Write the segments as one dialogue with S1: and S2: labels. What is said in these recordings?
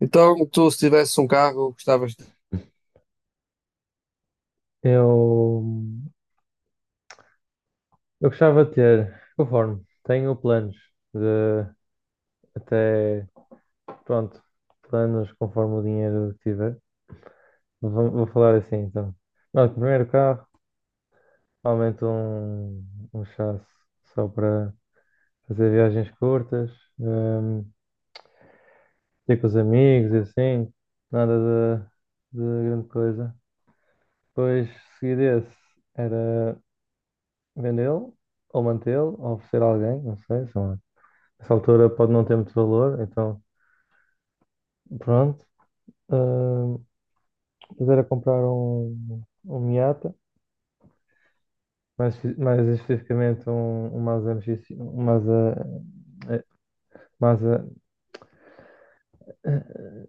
S1: Então, tu se tivesse um carro, gostavas de...
S2: Eu, eu gostava de ter, conforme tenho planos de até, pronto, planos conforme o dinheiro que tiver. Vou falar assim então. Não, primeiro carro, aumento um chasse só para fazer viagens curtas, hum, ir com os amigos e assim, nada de grande coisa. Depois, seguir esse, era vendê-lo, ou mantê-lo, ou oferecer a alguém, não sei. Essa altura pode não ter muito valor, então pronto. Ah, mas era comprar um Miata, mais especificamente um Mazda MXeh, Mazda, eh,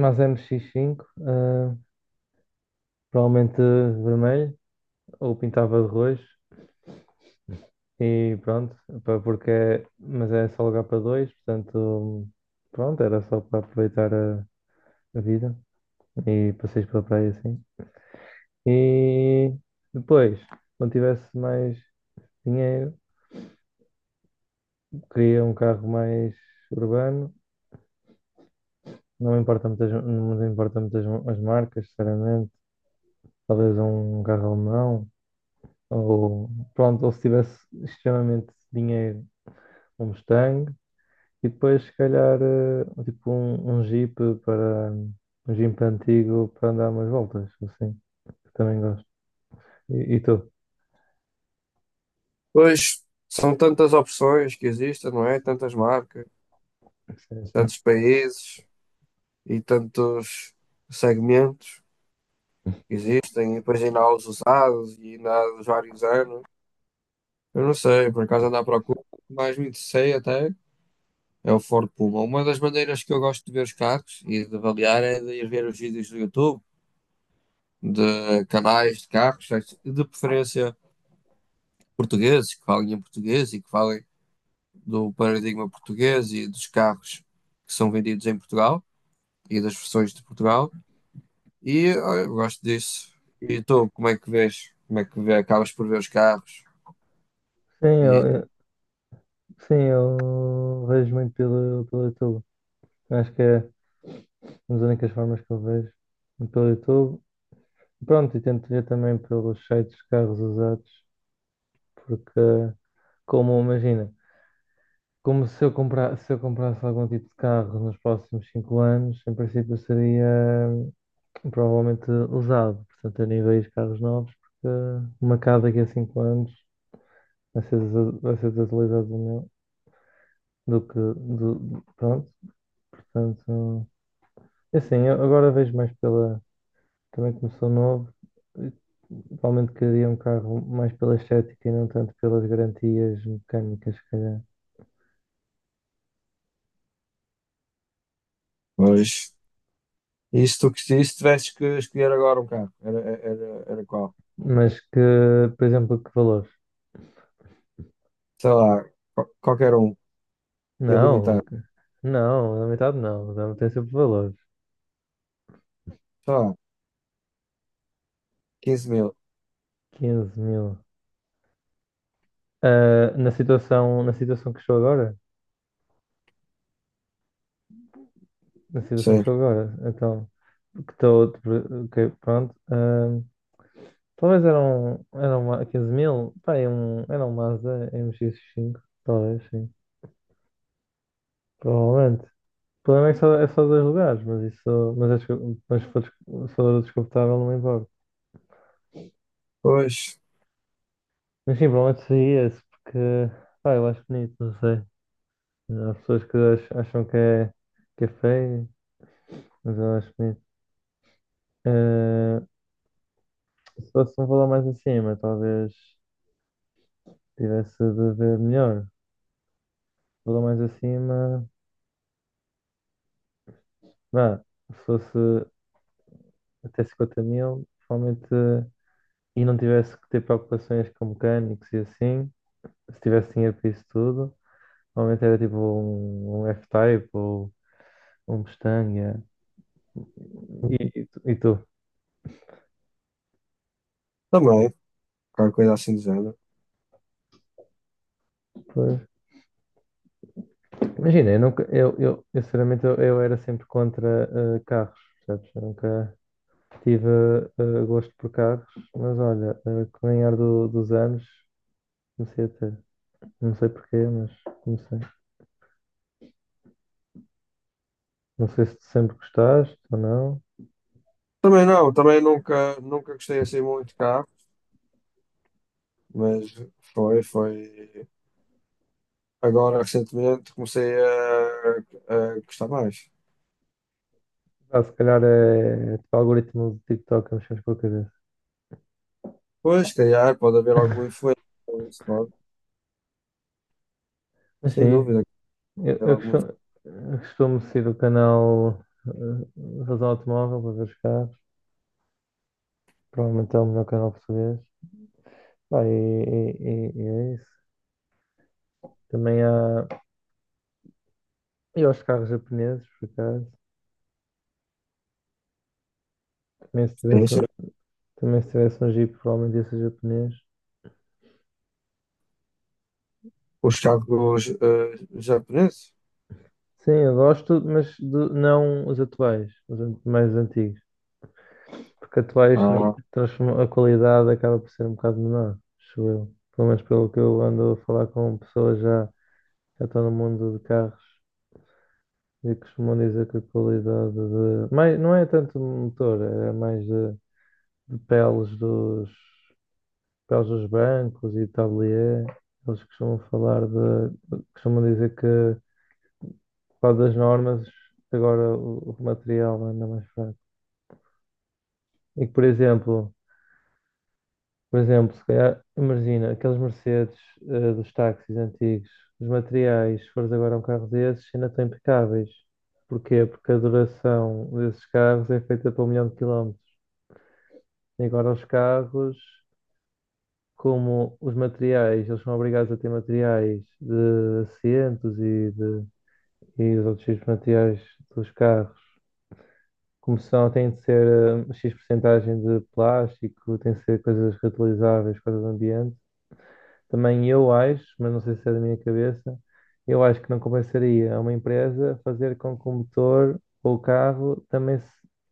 S2: Mazda MX-5 provavelmente vermelho, ou pintava de roxo, e pronto, pá, mas é só lugar para dois, portanto, pronto, era só para aproveitar a vida e passeios pela praia assim. E depois, quando tivesse mais dinheiro, queria um carro mais urbano. Não me importa muitas as marcas, sinceramente. Talvez um carro alemão. Ou, pronto, ou se tivesse extremamente dinheiro, um Mustang. E depois, se calhar, tipo para... Um Jeep antigo para andar umas voltas, assim, que também gosto. E tu?
S1: Pois, são tantas opções que existem, não é? Tantas marcas,
S2: Sim, sim.
S1: tantos países e tantos segmentos que existem. E depois ainda há os usados e ainda há os vários anos. Eu não sei, por acaso ando à procura. O que mais me interessei até é o Ford Puma. Uma das maneiras que eu gosto de ver os carros e de avaliar é de ir ver os vídeos do YouTube, de canais de carros, de preferência portugueses, que falem em português e que falem do paradigma português e dos carros que são vendidos em Portugal e das versões de Portugal. E olha, eu gosto disso. E tu, como é que vês? Como é que vê? Acabas por ver os carros?
S2: Sim,
S1: E
S2: eu, Sim, eu vejo muito pelo YouTube. Acho que é uma das únicas formas que eu vejo pelo YouTube. Pronto, e tento ver também pelos sites de carros usados, porque, como imagina, como se eu comprar, se eu comprasse algum tipo de carro nos próximos 5 anos, em princípio seria hum, provavelmente usado, portanto eu nem vejo carros novos, porque uma casa daqui a 5 anos vai ser desutilizado do meu, do que, do, pronto, portanto. É assim, eu agora vejo mais pela. Também começou novo, eh, provavelmente queria um carro mais pela estética e não tanto pelas garantias mecânicas, se calhar.
S1: pois. E se tivesses que escolher agora um carro, era qual?
S2: Mas que, por exemplo, que valores?
S1: Sei lá, qualquer um,
S2: Não,
S1: ilimitado.
S2: que- não, na metade não, dá tem sempre valores.
S1: Sei lá, 15 mil.
S2: 15 mil. Ah, na situação que estou agora? Na situação que
S1: Sei.
S2: estou agora, então, que estou, ok, pronto. Talvez eram 15 mil, pá, era um Mazda MX-5, talvez, sim. Provavelmente. O problema é que só, é só dois lugares, mas isso. Mas, acho descu- mas se for, descu- se for desconfortável, não me importa.
S1: Pois,
S2: Mas sim, provavelmente seria esse, porque. Pá, eu acho bonito, não sei. Há pessoas que acham que é feio, mas eu acho bonito. Eh, Se fosse um valor mais acima, talvez tivesse de ver melhor. Valor mais acima, vá, se fosse até 50 mil, provavelmente. E não tivesse que ter preocupações com mecânicos e assim, se tivesse dinheiro para isso tudo. Normalmente era tipo um F-Type ou um Mustang. Yeah. E tu?
S1: também, qualquer coisa assim do género.
S2: Pois. Imagina, eu nunca, eu sinceramente eu era sempre contra carros, percebes? Eu nunca tive gosto por carros, mas olha, com o dos anos comecei a ter. Não sei porquê, mas comecei. Não sei se tu sempre gostaste ou não.
S1: Também não, também nunca, nunca gostei assim muito de carro, mas foi. Agora, recentemente, comecei a gostar mais.
S2: Ah, se calhar é tipo algoritmo do TikTok a mexer por cabeça.
S1: Pois, se calhar, pode haver alguma influência, isso pode,
S2: Mas
S1: sem
S2: sim,
S1: dúvida,
S2: Eu,
S1: haver
S2: eu
S1: alguma
S2: costumo, eu costumo seguir o canal Razão Automóvel para ver os carros. Provavelmente é o melhor canal português. Pá, e é isso. Também há, eu aos carros japoneses, por acaso. Também se tivesse,
S1: influência.
S2: um- também se tivesse um Jeep, provavelmente ia ser japonês.
S1: Os carros japoneses?
S2: Sim, eu gosto, mas não os atuais, mais antigos. Porque atuais
S1: Ah,
S2: a qualidade acaba por ser um bocado menor, acho eu. Pelo menos pelo que eu ando a falar com pessoas já, já estão no mundo de carros. E costumam dizer que a qualidade de. Mais, não é tanto do motor, é mais de peles dos bancos e tablier. Eles costumam falar de. Costumam dizer que, por causa das normas, agora o material anda mais fraco. E que, por exemplo, se calhar, imagina, aqueles Mercedes dos táxis antigos, os materiais, se fores agora a um carro desses, ainda estão impecáveis. Porquê? Porque a duração desses carros é feita para 1 milhão de quilómetros. E agora os carros, como os materiais, eles são obrigados a ter materiais de assentos e os outros tipos de materiais dos carros, como são, têm de ser X porcentagem de plástico, tem de ser coisas reutilizáveis, coisas do ambiente. Também eu acho, mas não sei se é da minha cabeça, eu acho que não compensaria a uma empresa fazer com que o motor ou o carro também se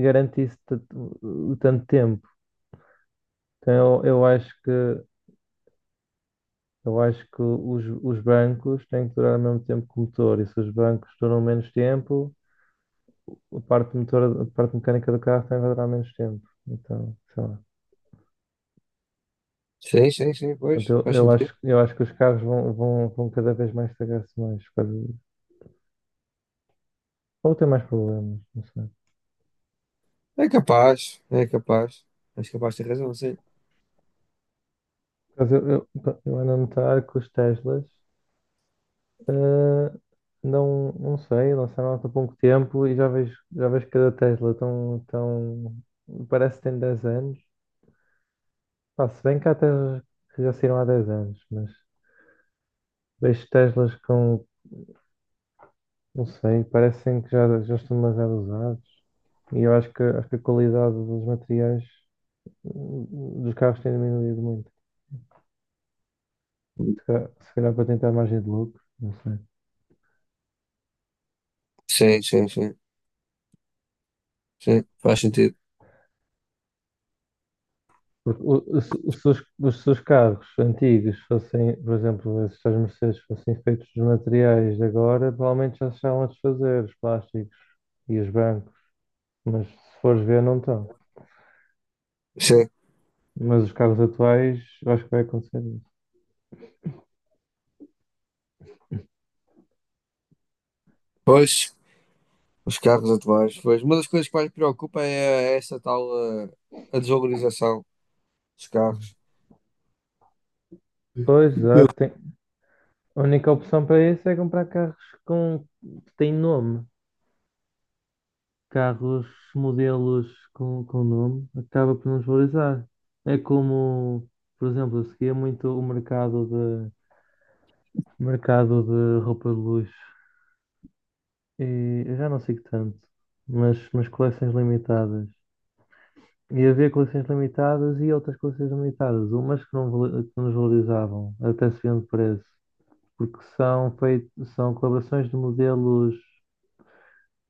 S2: garantisse tanto tanto tempo. Então, eu acho que os bancos têm que durar o mesmo tempo que o motor, e se os bancos duram menos tempo, a parte motora, a parte mecânica do carro também vai durar menos tempo. Então, sei lá.
S1: sim, sim, sim, pois,
S2: Portanto, eu,
S1: faz
S2: eu
S1: sentido.
S2: acho, eu acho que os carros vão cada vez mais estragar-se mais, por causa disso, ou ter mais problemas, não sei.
S1: É capaz, é capaz. És capaz de ter razão, sim.
S2: Eu, eu ando a notar que os Teslas, eh, não sei, lançaram há pouco tempo e já vejo cada Tesla tão, tão, parece que tem 10 anos. Pá, se bem que há Teslas que já saíram há 10 anos, mas vejo Teslas com, não sei, parecem que já estão demasiado usados. E eu acho que a qualidade dos materiais dos carros tem diminuído muito. Se calhar, para tentar margem de lucro, não sei.
S1: Sim, sim, sim, sim, faz sentido.
S2: Porque o- se os, seus- os seus carros antigos fossem, por exemplo, esses tais Mercedes fossem feitos dos materiais de agora, provavelmente já se estavam a desfazer os plásticos e os bancos. Mas se fores ver, não estão.
S1: Sim,
S2: Mas os carros atuais, eu acho que vai acontecer isso.
S1: pois. Os carros atuais, pois. Uma das coisas que mais me preocupa é essa tal eh, a, desvalorização dos carros.
S2: Pois, já tem. A única opção para isso é comprar carros com, que têm nome. Carros, modelos com nome, acaba por nos valorizar. É como, por exemplo, eu seguia muito o mercado de, roupa de luxo. E eu já não sigo tanto, mas coleções limitadas. E havia coleções limitadas e outras coleções limitadas. Umas que não que nos valorizavam, até se vendo preço, porque são feitos, são colaborações de modelos,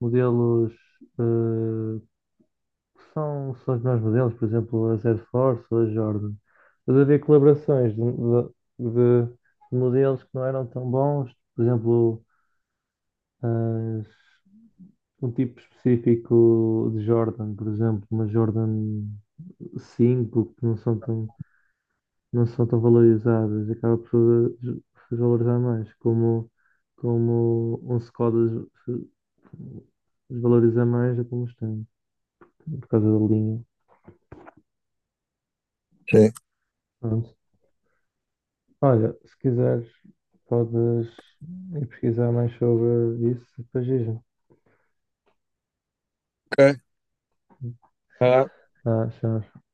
S2: modelos eh, que são os melhores modelos, por exemplo, a Air Force ou a Jordan. Mas havia colaborações de modelos que não eram tão bons, por exemplo, as- um tipo específico de Jordan, por exemplo, uma Jordan 5 que não são tão valorizadas, e acaba por desvalorizar mais, como, um Skoda desvaloriza mais do que um por causa da linha.
S1: Sim.
S2: Pronto. Olha, se quiseres, podes ir pesquisar mais sobre isso e depois diz-me.
S1: Ok.
S2: Ah, já.